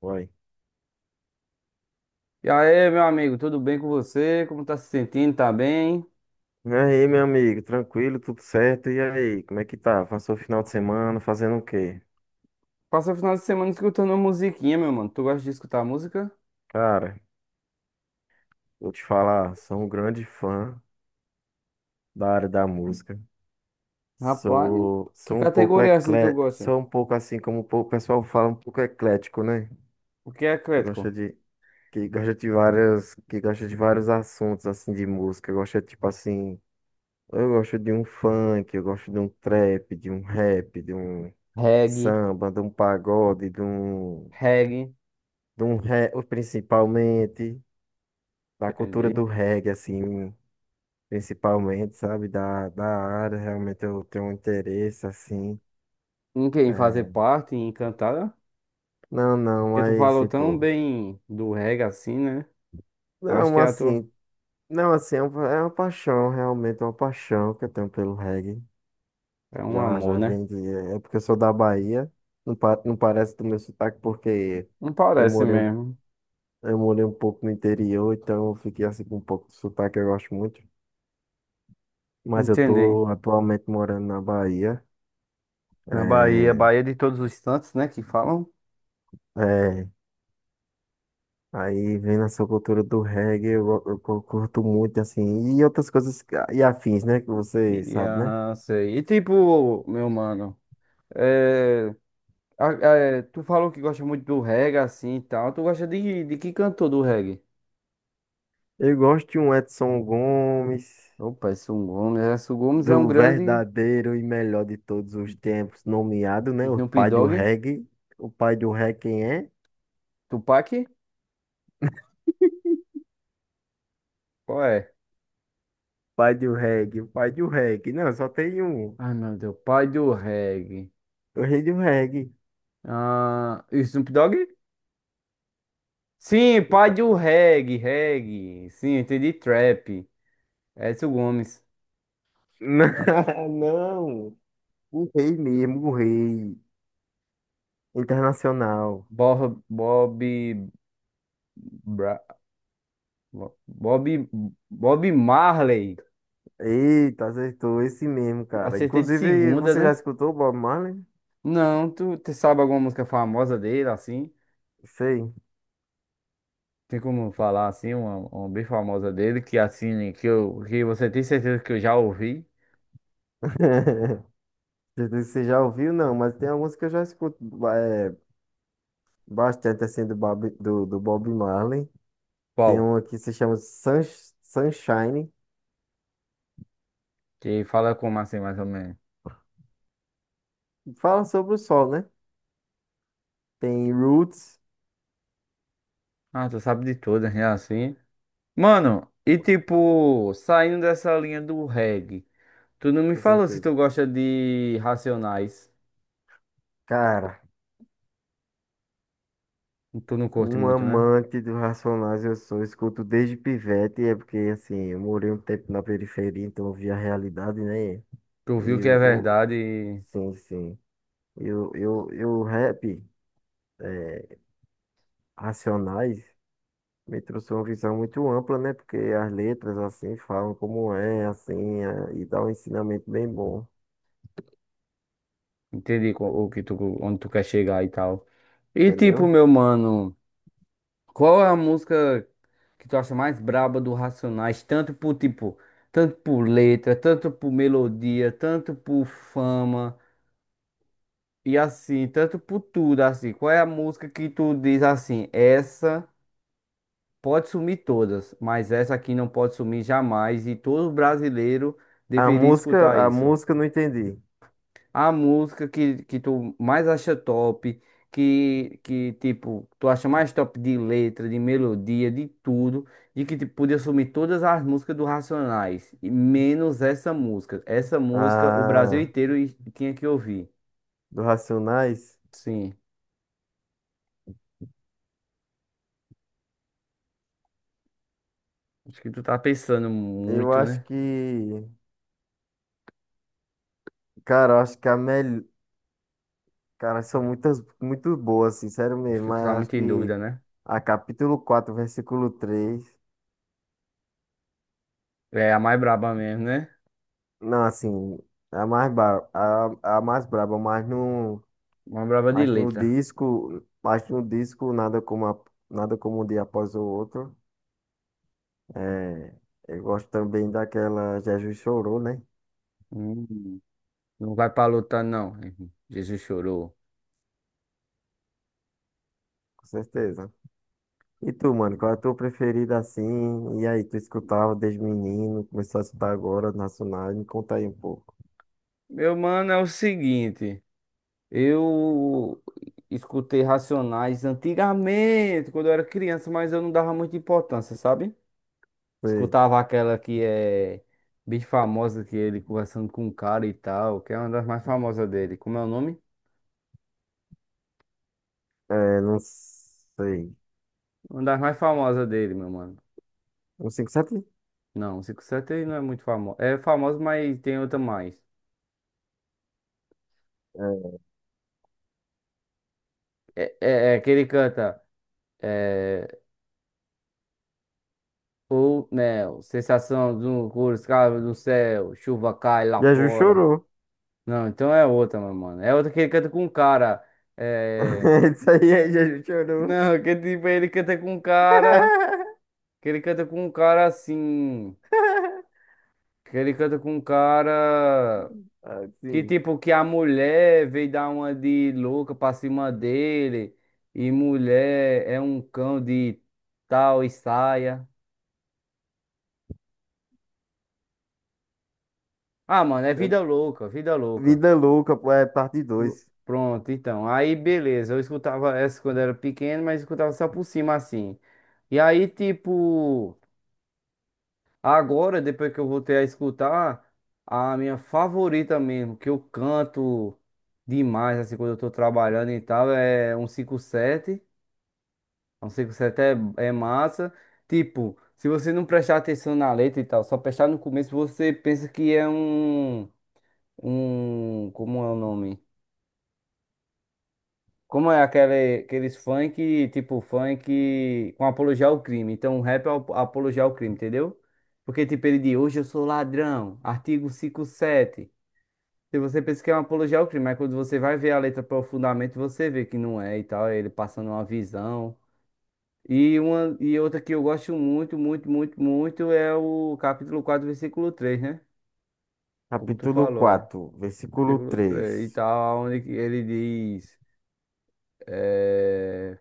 Uai. E aí, meu amigo, tudo bem com você? Como tá se sentindo? Tá bem? E aí, meu amigo, tranquilo, tudo certo? E aí, como é que tá? Passou o final de semana fazendo o quê? Passa o final de semana escutando musiquinha, meu mano. Tu gosta de escutar música? Cara, vou te falar, sou um grande fã da área da música. Rapaz, Sou, que sou um pouco categoria assim tu gosta? sou um pouco assim como o pessoal fala, um pouco eclético, né? O que é Que eclético? gosta de, que gosta de várias, que gosta de vários assuntos assim de música. Gosta tipo assim, eu gosto de um funk, eu gosto de um trap, de um rap, de um Reggae, samba, de um pagode, Reggae, principalmente da cultura entendi. do reggae, assim, principalmente, sabe, da área, realmente eu tenho um interesse, assim. Em quem fazer É. parte, em cantada? Não, não, Porque tu mas, falou tão tipo, bem do reggae assim, né? Eu acho não, que é a tua. assim, não, assim, é uma paixão, realmente, é uma paixão que eu tenho pelo reggae. É um Já, amor, já né? vem de, é porque eu sou da Bahia, não, não parece do meu sotaque, porque Não eu parece morei, um- mesmo. eu morei um pouco no interior, então eu fiquei, assim, com um pouco de sotaque, eu gosto muito. Mas eu Entendi. tô atualmente morando na Bahia. Na Bahia, É, Bahia de todos os santos, né? Que falam. é. Aí vem nessa cultura do reggae, eu curto muito, assim, e outras coisas e afins, né? Que você E, sabe, né? aham, sei. E tipo, meu mano. É, é, tu falou que gosta muito do reggae, assim e tal. Tu gosta de que cantor do reggae? Eu gosto de um Edson Gomes, Opa, Edson Gomes. Edson Gomes é um do grande verdadeiro e melhor de todos os tempos, nomeado, né? O Snoop pai do Dogg. reggae. O pai do reggae quem é? Tupac? Qual é? Pai do reggae, o pai do reggae. Não, só tem um. Ai, meu Deus. Pai do reggae. O rei do reggae. Ah, Snoop Dogg? Sim, pai do Tá- reggae, reggae. Sim, entendi. Trap. Edson Gomes. Não, não. O rei mesmo, o rei internacional. Bob, Bob, Bra- Bob, Bob Marley. Eita, acertou esse mesmo, cara. Acertei de Inclusive, segunda, você já né? escutou o Bob Marley? Não, tu sabe alguma música famosa dele, assim? Sei. Tem como falar, assim, uma bem famosa dele, que você tem certeza que eu já ouvi? Não sei se você já ouviu? Não, mas tem alguns que eu já escuto é, bastante assim do Bob, do Bob Marley. Tem Qual? uma que se chama Sunshine, Que fala como assim, mais ou menos? que fala sobre o sol, né? Tem Roots, Ah, tu sabe de todas, né, assim? Mano, e tipo, saindo dessa linha do reggae, tu não me com falou se certeza. tu gosta de Racionais. Cara, Tu não curte um muito, né? amante do Racionais eu sou, escuto desde pivete, é porque assim, eu morei um tempo na periferia, então eu vi a realidade, né? Tu viu E que o, é o- verdade e sim, sim. E o rap, é, Racionais, me trouxe uma visão muito ampla, né? Porque as letras, assim, falam como é, assim, é, e dá um ensinamento bem bom, entendi. Onde tu quer chegar e tal. E tipo, entendeu? meu mano. Qual é a música que tu acha mais braba do Racionais? Tanto por tipo, tanto por letra, tanto por melodia, tanto por fama e assim, tanto por tudo assim. Qual é a música que tu diz assim? Essa pode sumir todas, mas essa aqui não pode sumir jamais e todo brasileiro deveria escutar A isso. música eu não entendi. A música que tu mais acha top, que tipo, tu acha mais top de letra, de melodia, de tudo, e que tipo, podia sumir todas as músicas do Racionais, e menos essa música. Essa A música o Brasil inteiro tinha que ouvir. do Racionais, Sim, acho que tu tá pensando eu muito, acho né? que, cara, eu acho que a melhor, cara, são muitas, muito boas, assim, sério Acho mesmo, que tu mas tá eu acho muito em que dúvida, né? a capítulo 4 versículo três. É a mais braba mesmo, né? Não, assim, é a a mais braba, mas não. Mais braba de Acho no letra. Disco nada como nada como um dia após o outro. É, eu gosto também daquela Jesus Chorou, né? Hum, não vai pra lutar, não. Jesus chorou. Com certeza. E tu, mano, qual é a tua preferida assim? E aí, tu escutava desde menino, começou a escutar agora, nacional, me conta aí um pouco. Meu mano, é o seguinte. Eu escutei Racionais antigamente, quando eu era criança, mas eu não dava muita importância, sabe? Sei. Escutava aquela que é bem famosa, que é ele conversando com um cara e tal, que é uma das mais famosas dele. Como é o nome? É, não sei. Uma das mais famosas dele, meu mano. Um 57? Não, 57 ele não é muito famoso. É famoso, mas tem outra mais. É. É que ele canta. É, o Neo, sensação do cores, cara do céu, chuva cai lá Jesus fora. chorou. Não, então é outra, meu mano. É outra que ele canta com um cara. É. Isso aí é Jesus chorou. Não, que tipo, ele canta com um cara. Que ele canta com um cara assim. Que ele canta com um cara. Ah, Que sim. tipo, que a mulher veio dar uma de louca pra cima dele. E mulher é um cão de tal e saia. Ah, mano, é vida louca, vida louca. Vida louca, pô, é parte Pr- dois. Pronto, então. Aí, beleza. Eu escutava essa quando era pequeno, mas escutava só por cima assim. E aí, tipo. Agora, depois que eu voltei a escutar, a minha favorita mesmo, que eu canto demais, assim, quando eu tô trabalhando e tal, é um cinco sete. Um 57 é massa. Tipo, se você não prestar atenção na letra e tal, só prestar no começo, você pensa que é um. Um. Como é o nome? Como é aqueles funk, tipo funk com apologia ao crime. Então, o rap é apologia ao crime, entendeu? Porque, tipo, ele diz, hoje eu sou ladrão, artigo 57. Se você pensa que é uma apologia ao crime, mas quando você vai ver a letra profundamente, você vê que não é e tal, é ele passando uma visão. E outra que eu gosto muito, muito, muito, muito é o capítulo 4 versículo 3, né? Como tu Capítulo falou, né? 4, versículo Versículo 3 e 3. tal, onde ele diz. eh,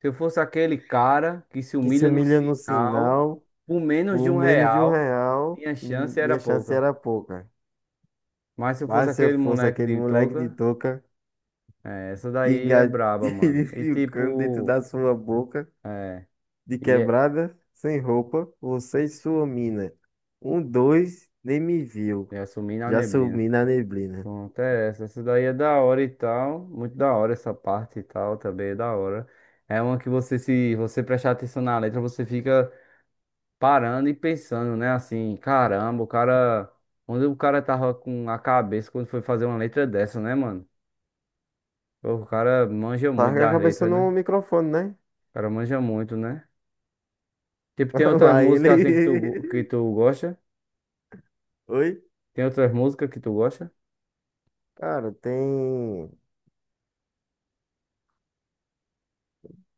Se eu fosse aquele cara que se Que se humilha no humilha no sinal sinal por menos de por um menos de um real, real, minha chance era minha chance pouca. era pouca. Mas se eu fosse Mas se eu aquele fosse moleque aquele de moleque de touca, touca, é, essa que daí é gatilho braba, mano. E ficando dentro tipo, da sua boca, é, de ia, quebrada, sem roupa, você e sua mina. Um, dois, nem me viu. ia sumir na Já neblina. sumi na neblina. Pronto, é essa. Essa daí é da hora e tal. Muito da hora essa parte e tal, também é da hora. É uma que você, se você prestar atenção na letra, você fica parando e pensando, né? Assim, caramba, o cara. Onde o cara tava com a cabeça quando foi fazer uma letra dessa, né, mano? Pô, o cara manja muito Larga a das cabeça letras, né? no microfone, né? O cara manja muito, né? Tipo, tem outras Lá ele. músicas assim que tu gosta? Oi? Tem outras músicas que tu gosta? Cara, tem.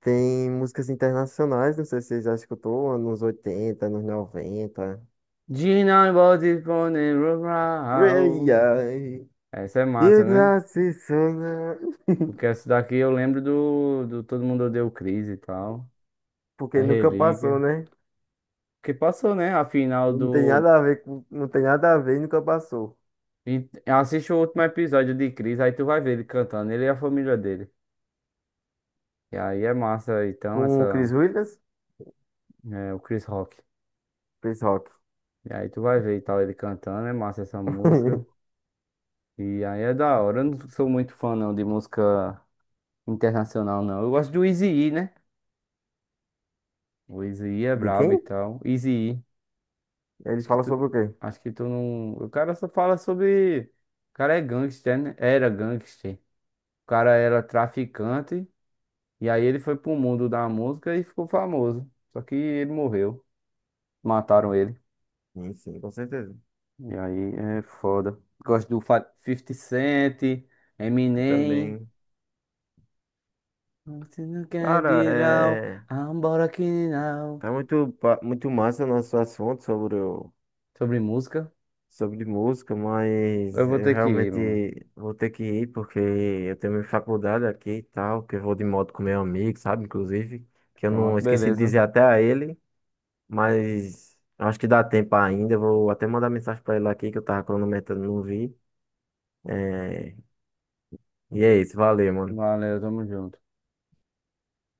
Tem músicas internacionais, não sei se você já escutou, anos 80, anos 90. Gina Body Phone Ei, Rural. ai, Essa é massa, eu né? nasci sonhando. Porque essa daqui eu lembro do Todo Mundo Odeia o Chris e tal. É Porque nunca passou, relíquia. né? Que passou, né? A final Não tem do. nada a não tem nada a ver e nunca passou. E assiste o último episódio de Chris aí tu vai ver ele cantando, ele e a família dele. E aí é massa, então, Com o Chris essa. Williams, É, o Chris Rock. Chris Rock. E aí tu vai ver e tal, ele cantando, é massa essa música. E aí é da hora. Eu não sou muito fã, não, de música internacional, não. Eu gosto do Eazy-E, né? O Eazy-E é De brabo e quem? tal. Eazy-E. Ele Acho que fala tu. sobre o quê? Acho que tu não. O cara só fala sobre. O cara é gangster, né? Era gangster. O cara era traficante. E aí ele foi pro mundo da música e ficou famoso. Só que ele morreu. Mataram ele. Sim, sim, com certeza. E aí é foda. Gosto do 50 Cent, Eu Eminem. também. Você não quer Cara, ir é. embora aqui não. Tá muito massa o nosso assunto Sobre música, sobre música, eu mas vou eu ter que ir, mano. realmente vou ter que ir porque eu tenho minha faculdade aqui e tal, que eu vou de moto com meu amigo, sabe? Inclusive, que eu não Pronto, esqueci de beleza. dizer até a ele, mas acho que dá tempo ainda. Eu vou até mandar mensagem pra ele aqui que eu tava cronometrando, não vi. É, e é isso, valeu, mano. Valeu, tamo junto.